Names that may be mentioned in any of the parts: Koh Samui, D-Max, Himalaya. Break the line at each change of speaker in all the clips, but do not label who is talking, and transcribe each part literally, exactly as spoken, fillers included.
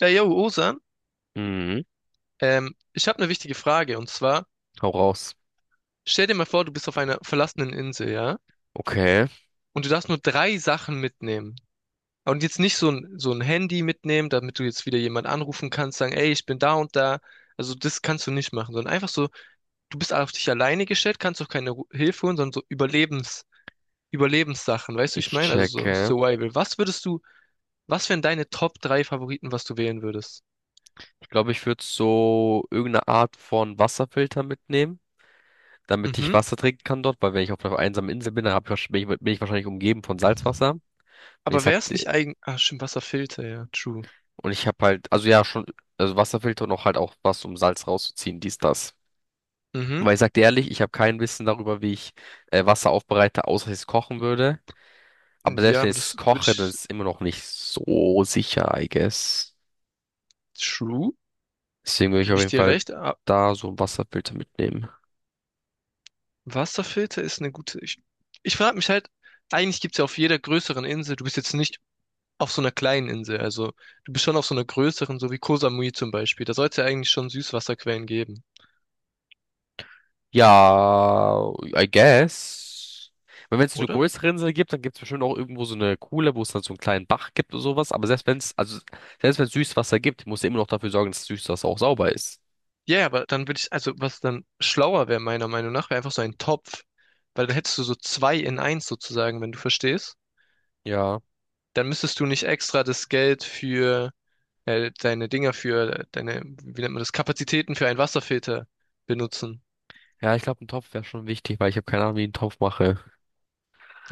Ja, yo, Osan,
Mhm.
ähm, ich habe eine wichtige Frage und zwar,
Hau raus.
stell dir mal vor, du bist auf einer verlassenen Insel, ja?
Okay,
Und du darfst nur drei Sachen mitnehmen. Und jetzt nicht so ein, so ein Handy mitnehmen, damit du jetzt wieder jemand anrufen kannst, sagen, ey, ich bin da und da. Also das kannst du nicht machen, sondern einfach so, du bist auf dich alleine gestellt, kannst auch keine Ru- Hilfe holen, sondern so Überlebens, Überlebenssachen, weißt du, wie ich
ich
meine? Also so
checke.
Survival. Was würdest du, was wären deine Top drei Favoriten, was du wählen würdest?
Ich glaube, ich würde so irgendeine Art von Wasserfilter mitnehmen, damit ich
Mhm.
Wasser trinken kann dort, weil wenn ich auf einer einsamen Insel bin, dann hab ich, wahrsch- bin ich, bin ich wahrscheinlich umgeben von Salzwasser. Und ich
Aber
sag,
wär's
dir-
nicht eigen, ah, Stimmt, Wasserfilter, ja, true.
und ich habe halt, also ja, schon, also Wasserfilter und auch halt auch was, um Salz rauszuziehen, dies, das.
Mhm.
Weil ich sag dir ehrlich, ich habe kein Wissen darüber, wie ich äh, Wasser aufbereite, außer dass ich es kochen würde. Aber selbst
Ja,
wenn
aber
ich es
das würde
koche, dann
ich,
ist es immer noch nicht so sicher, I guess.
True,
Deswegen würde ich
gebe
auf
ich
jeden
dir
Fall
recht. Ah,
da so einen Wasserfilter mitnehmen.
Wasserfilter ist eine gute, ich, ich frage mich halt, eigentlich gibt es ja auf jeder größeren Insel, du bist jetzt nicht auf so einer kleinen Insel, also du bist schon auf so einer größeren, so wie Koh Samui zum Beispiel, da sollte es ja eigentlich schon Süßwasserquellen geben,
Ja, I guess, wenn es eine
oder?
größere Insel gibt, dann gibt es bestimmt auch irgendwo so eine Kuhle, wo es dann so einen kleinen Bach gibt oder sowas. Aber selbst wenn es, also selbst wenn es Süßwasser gibt, muss du immer noch dafür sorgen, dass das Süßwasser auch sauber ist.
Ja, ja, aber dann würde ich, also was dann schlauer wäre meiner Meinung nach, wäre einfach so ein Topf, weil dann hättest du so zwei in eins sozusagen, wenn du verstehst.
Ja.
Dann müsstest du nicht extra das Geld für äh, deine Dinger für deine, wie nennt man das, Kapazitäten für einen Wasserfilter benutzen.
Ja, ich glaube, ein Topf wäre schon wichtig, weil ich habe keine Ahnung, wie ich einen Topf mache.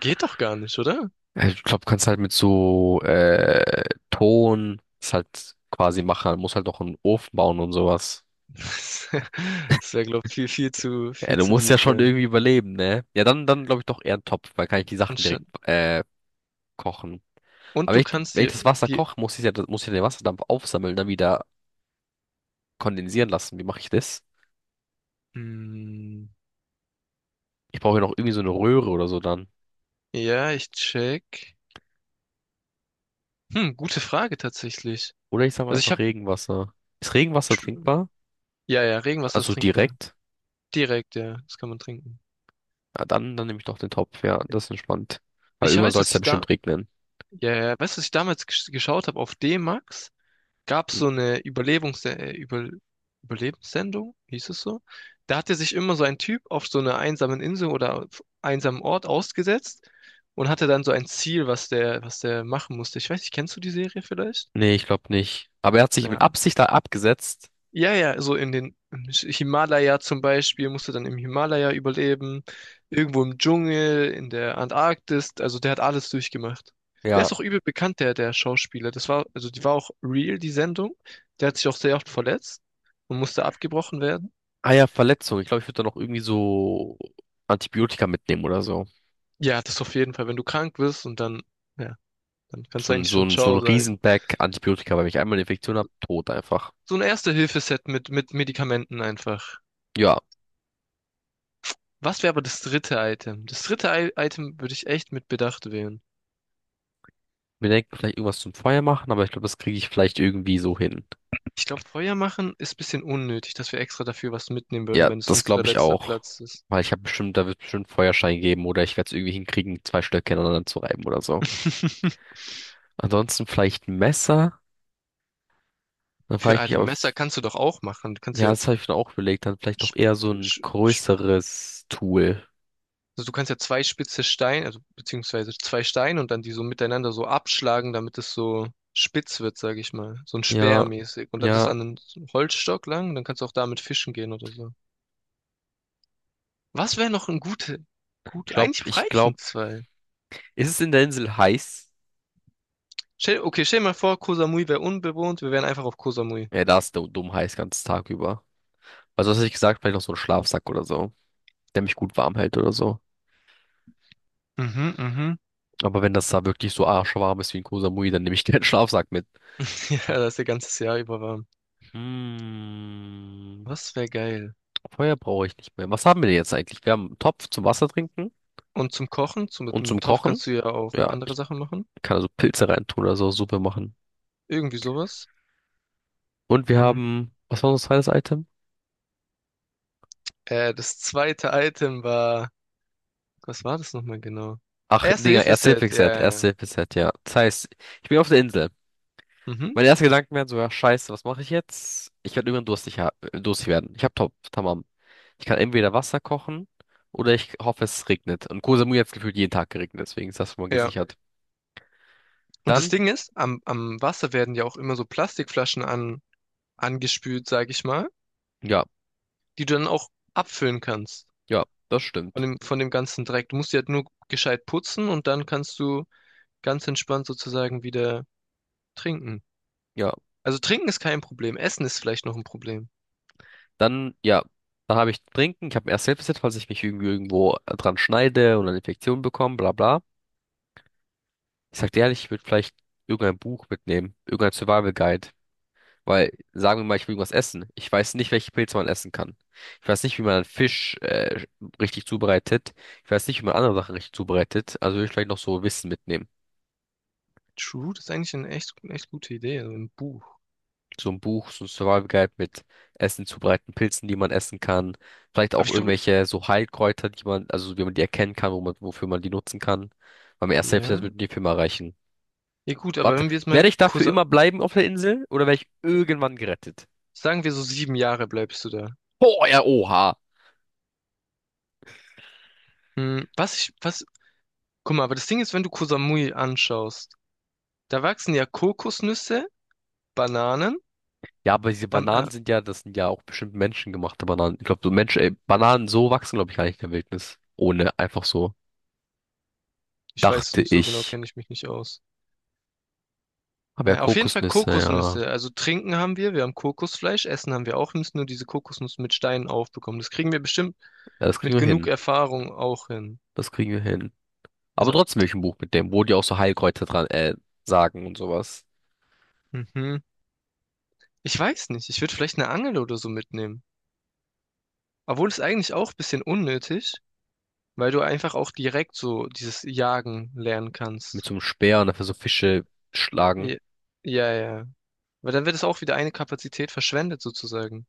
Geht doch gar nicht, oder?
Äh, Ich glaube, kannst halt mit so äh, Ton das halt quasi machen. Muss halt noch einen Ofen bauen und sowas.
Das wäre, glaube ich, viel, viel zu,
Ja,
viel
du
zu
musst ja
deep.
schon
Äh.
irgendwie überleben, ne? Ja, dann, dann glaube ich doch eher einen Topf, weil kann ich die Sachen
Anstatt.
direkt äh, kochen.
Und
Aber wenn
du
ich,
kannst
wenn ich
dir
das Wasser
die.
koche, muss ich ja, muss ich ja den Wasserdampf aufsammeln, dann wieder kondensieren lassen. Wie mache ich das?
Hm,
Ich brauche ja noch irgendwie so eine Röhre oder so dann.
ja, ich check. Hm, gute Frage tatsächlich.
Oder ich sage mal
Also ich
einfach
habe.
Regenwasser. Ist Regenwasser trinkbar?
Ja, ja, Regenwasser ist
Also
trinkbar.
direkt?
Direkt, ja, das kann man trinken.
Ja, dann, dann nehme ich doch den Topf, ja, das ist entspannt. Weil
Ich
irgendwann
weiß,
soll
dass
es ja
ich da.
bestimmt regnen.
Ja, ja, weißt du, was ich damals gesch- geschaut habe auf D-Max? Gab
Hm.
es so eine Überlebungs äh, Über Überlebenssendung, hieß es so. Da hatte sich immer so ein Typ auf so einer einsamen Insel oder auf einsamen Ort ausgesetzt und hatte dann so ein Ziel, was der, was der machen musste. Ich weiß nicht, kennst du die Serie vielleicht?
Nee, ich glaube nicht. Aber er hat sich mit
Ja,
Absicht da abgesetzt.
ja, ja, so in den im Himalaya zum Beispiel musst du dann im Himalaya überleben, irgendwo im Dschungel, in der Antarktis, also der hat alles durchgemacht. Der
Ja.
ist auch übel bekannt, der, der Schauspieler. Das war, also die war auch real, die Sendung. Der hat sich auch sehr oft verletzt und musste abgebrochen werden.
Ah ja, Verletzung. Ich glaube, ich würde da noch irgendwie so Antibiotika mitnehmen oder so.
Ja, das auf jeden Fall, wenn du krank bist und dann, ja, dann kannst
So
du
ein,
eigentlich
so
schon
ein, so ein
Ciao sagen.
Riesenpack Antibiotika, weil wenn ich einmal eine Infektion habe, tot einfach.
So ein Erste-Hilfe-Set mit, mit Medikamenten einfach.
Ja,
Was wäre aber das dritte Item? Das dritte I Item würde ich echt mit Bedacht wählen.
wir denken vielleicht irgendwas zum Feuer machen, aber ich glaube, das kriege ich vielleicht irgendwie so hin.
Ich glaube, Feuer machen ist ein bisschen unnötig, dass wir extra dafür was mitnehmen würden,
Ja,
wenn es
das
unser
glaube ich
letzter
auch.
Platz ist.
Weil ich habe bestimmt, da wird bestimmt einen Feuerschein geben oder ich werde es irgendwie hinkriegen, zwei Stöcke aneinander zu reiben oder so. Ansonsten vielleicht ein Messer. Dann frage
Für
ich
ah,
mich
ein
aber,
Messer kannst du doch auch machen. Du kannst
ja,
ja,
das habe ich mir auch überlegt, dann vielleicht doch
sch-
eher so ein
sch- sch-
größeres Tool.
also du kannst ja zwei spitze Steine, also beziehungsweise zwei Steine und dann die so miteinander so abschlagen, damit es so spitz wird, sage ich mal. So ein Speer
Ja,
mäßig. Und dann das
ja.
an einen Holzstock lang, dann kannst du auch damit fischen gehen oder so. Was wäre noch ein gute,
Ich
gut,
glaube,
eigentlich
ich
reichen
glaube,
zwei.
ist es in der Insel heiß?
Stell- Okay, stell dir mal vor, Koh Samui wäre unbewohnt, wir wären einfach auf Koh Samui.
Ja, da ist du- dumm heiß, ganz Tag über. Also, was hätte ich gesagt? Vielleicht noch so ein Schlafsack oder so, der mich gut warm hält oder so.
Mhm, mhm.
Aber wenn das da wirklich so arschwarm ist wie in Koh Samui, dann nehme ich keinen Schlafsack mit.
Ja, das ist ja ganzes Jahr über warm.
Hm,
Was wäre geil.
Feuer brauche ich nicht mehr. Was haben wir denn jetzt eigentlich? Wir haben einen Topf zum Wasser trinken
Und zum Kochen, zum, mit
und
dem
zum
Topf
Kochen.
kannst du ja auch
Ja,
andere
ich
Sachen machen.
kann also Pilze reintun oder so, Suppe machen.
Irgendwie sowas.
Und wir
Hm.
haben, was war unser zweites Item?
Äh, das zweite Item war, Was war das nochmal genau?
Ach, Dinger,
Erste-Hilfe-Set, ja,
Erste-Hilfe-Set,
ja, ja.
Erste-Hilfe-Set, ja. Das heißt, ich bin auf der Insel.
Mhm,
Meine ersten Gedanken wären sogar, scheiße, was mache ich jetzt? Ich werde irgendwann durstig, ha äh, durstig werden. Ich habe Top, Tamam. Ich kann entweder Wasser kochen oder ich hoffe, es regnet. Und Koh Samui hat gefühlt jeden Tag geregnet, deswegen ist das schon mal
ja.
gesichert.
Und das
Dann,
Ding ist, am, am Wasser werden ja auch immer so Plastikflaschen an, angespült, sag ich mal,
ja,
die du dann auch abfüllen kannst.
ja, das
Von
stimmt.
dem, von dem ganzen Dreck. Du musst die halt nur gescheit putzen und dann kannst du ganz entspannt sozusagen wieder trinken.
Ja,
Also trinken ist kein Problem, Essen ist vielleicht noch ein Problem.
dann, ja, dann habe ich Trinken. Ich habe erst Selbstbesitz, falls ich mich irgendwie irgendwo dran schneide und eine Infektion bekomme, bla bla. Ich sag dir ehrlich, ich würde vielleicht irgendein Buch mitnehmen, irgendein Survival Guide. Weil, sagen wir mal, ich will irgendwas essen. Ich weiß nicht, welche Pilze man essen kann. Ich weiß nicht, wie man einen Fisch äh, richtig zubereitet. Ich weiß nicht, wie man andere Sachen richtig zubereitet. Also will ich vielleicht noch so Wissen mitnehmen.
True, das ist eigentlich eine echt, eine echt gute Idee, also ein Buch.
So ein Buch, so ein Survival Guide mit Essen zubereiten, Pilzen, die man essen kann. Vielleicht
Aber
auch
ich glaube,
irgendwelche so Heilkräuter, die man, also wie man die erkennen kann, wo man, wofür man die nutzen kann. Weil mir erst selbst das
ja.
würde die Firma erreichen.
Ja gut, aber
Warte,
wenn wir jetzt mal
werde ich dafür
kurz, äh,
immer bleiben auf der Insel oder werde ich irgendwann gerettet?
sagen wir so sieben Jahre bleibst du da.
Boah, ja, oha.
Hm, was ich, was, guck mal, aber das Ding ist, wenn du Koh Samui anschaust, da wachsen ja Kokosnüsse, Bananen,
Ja, aber diese
ähm, äh,
Bananen sind ja, das sind ja auch bestimmt menschengemachte Bananen. Ich glaube, so Menschen, äh, Bananen so wachsen, glaube ich, gar nicht in der Wildnis. Ohne, einfach so.
ich weiß es
Dachte
nicht so genau,
ich.
kenne ich mich nicht aus.
Aber ja,
Äh, auf jeden Fall
Kokosnüsse, ja.
Kokosnüsse, also trinken haben wir, wir haben Kokosfleisch, essen haben wir auch, wir müssen nur diese Kokosnuss mit Steinen aufbekommen. Das kriegen wir bestimmt
Ja, das kriegen
mit
wir
genug
hin.
Erfahrung auch hin.
Das kriegen wir hin. Aber
Also,
trotzdem will ich ein Buch mit dem, wo die auch so Heilkräuter dran, äh, sagen und sowas.
mhm. Ich weiß nicht. Ich würde vielleicht eine Angel oder so mitnehmen. Obwohl es eigentlich auch ein bisschen unnötig, weil du einfach auch direkt so dieses Jagen lernen
Mit
kannst.
so einem Speer und dafür so
Ja,
Fische schlagen.
ja, ja, ja. Weil dann wird es auch wieder eine Kapazität verschwendet sozusagen.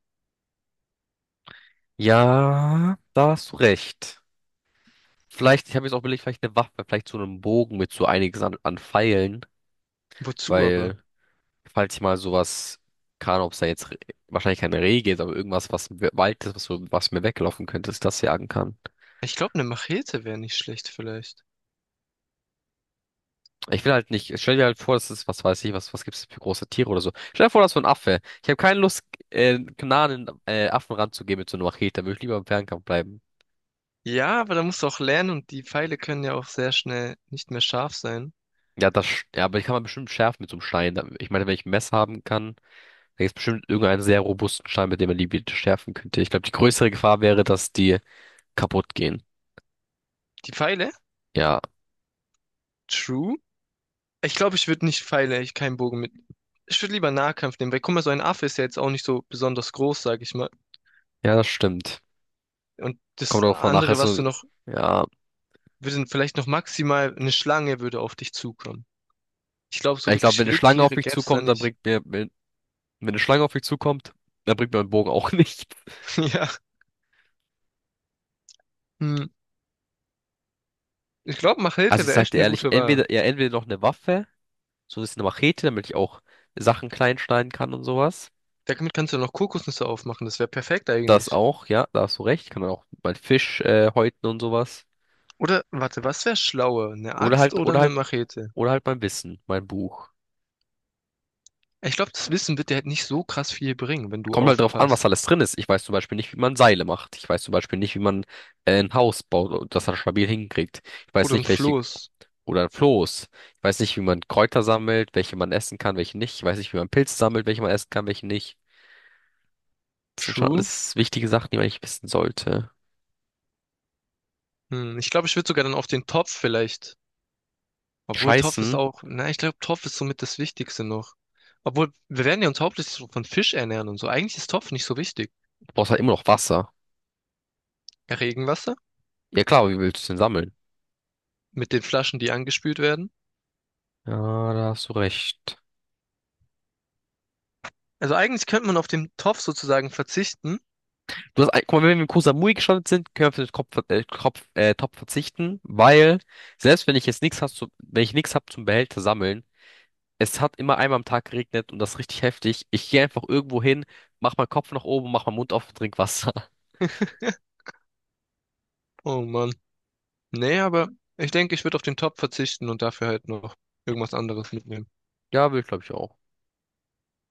Ja, da hast du recht. Vielleicht, ich habe jetzt auch überlegt, vielleicht eine Waffe, vielleicht so einen Bogen mit so einiges an, an Pfeilen,
Wozu aber?
weil. falls ich mal sowas kann, ob es da jetzt Re- wahrscheinlich keine Rehe gibt, aber irgendwas, was im Wald ist, was, so, was mir weglaufen könnte, dass ich das jagen kann.
Ich glaube, eine Machete wäre nicht schlecht vielleicht.
Ich will halt nicht, stell dir halt vor, das ist, was weiß ich, was, was gibt es für große Tiere oder so. Stell dir vor, das ist so ein Affe. Ich habe keine Lust, äh, nah an den äh, Affen ranzugehen mit so einer Machete, da würde ich lieber im Fernkampf bleiben.
Ja, aber da musst du auch lernen und die Pfeile können ja auch sehr schnell nicht mehr scharf sein.
Ja, das, sch- ja, aber die kann man bestimmt schärfen mit so einem Stein. Da- Ich meine, wenn ich ein Messer haben kann, dann gibt es bestimmt irgendeinen sehr robusten Stein, mit dem man die bitte schärfen könnte. Ich glaube, die größere Gefahr wäre, dass die kaputt gehen.
Die Pfeile?
Ja,
True. Ich glaube, ich würde nicht Pfeile, ich keinen Bogen mit. Ich würde lieber Nahkampf nehmen, weil guck mal, so ein Affe ist ja jetzt auch nicht so besonders groß, sag ich mal.
ja, das stimmt.
Und das
Kommt drauf an, nachher
andere, was
so,
du noch,
ja.
würde vielleicht noch maximal eine Schlange würde auf dich zukommen. Ich glaube, so
Ich glaube,
wirklich
wenn eine Schlange auf
Wildtiere
mich
gäb's da
zukommt, dann
nicht.
bringt mir, wenn, wenn eine Schlange auf mich zukommt, dann bringt mir ein Bogen auch nicht.
Ja. Hm. Ich glaube,
Also
Machete
ich
wäre echt
sagte
eine
ehrlich,
gute Wahl.
entweder, ja, entweder noch eine Waffe, so ein bisschen eine Machete, damit ich auch Sachen klein schneiden kann und sowas.
Damit kannst du noch Kokosnüsse aufmachen, das wäre perfekt
Das
eigentlich.
auch, ja, da hast du recht, kann man auch mein Fisch, äh, häuten und sowas.
Oder, warte, was wäre schlauer? Eine
Oder
Axt
halt,
oder
oder
eine
halt,
Machete?
oder halt mein Wissen, mein Buch.
Ich glaube, das Wissen wird dir halt nicht so krass viel bringen, wenn du
Kommt halt drauf an, was
aufpasst.
alles drin ist. Ich weiß zum Beispiel nicht, wie man Seile macht. Ich weiß zum Beispiel nicht, wie man äh, ein Haus baut und das dann stabil hinkriegt. Ich weiß
Oder ein
nicht, welche.
Floß.
Oder ein Floß. Ich weiß nicht, wie man Kräuter sammelt, welche man essen kann, welche nicht. Ich weiß nicht, wie man Pilze sammelt, welche man essen kann, welche nicht. Das sind schon
True.
alles wichtige Sachen, die man eigentlich wissen sollte.
Hm, ich glaube, ich würde sogar dann auf den Topf vielleicht. Obwohl Topf ist
Scheißen,
auch, na, ich glaube, Topf ist somit das Wichtigste noch. Obwohl, wir werden ja uns hauptsächlich so von Fisch ernähren und so. Eigentlich ist Topf nicht so wichtig.
du brauchst halt immer noch Wasser.
Regenwasser
Ja klar, aber wie willst du es denn sammeln?
mit den Flaschen, die angespült werden.
Ja, da hast du recht.
Also eigentlich könnte man auf den Topf sozusagen verzichten.
Du hast, ein- guck mal, wenn wir mit Kusamui gestartet sind, können wir auf den Kopf, äh, Kopf, äh, Topf verzichten, weil selbst wenn ich jetzt nichts hast, zu- wenn ich nichts hab zum Behälter sammeln, es hat immer einmal am Tag geregnet und das ist richtig heftig. Ich gehe einfach irgendwo hin, mach meinen Kopf nach oben, mach meinen Mund auf und trink Wasser.
Oh Mann. Nee, aber ich denke, ich würde auf den Topf verzichten und dafür halt noch irgendwas anderes mitnehmen.
Ja, will ich glaube ich auch.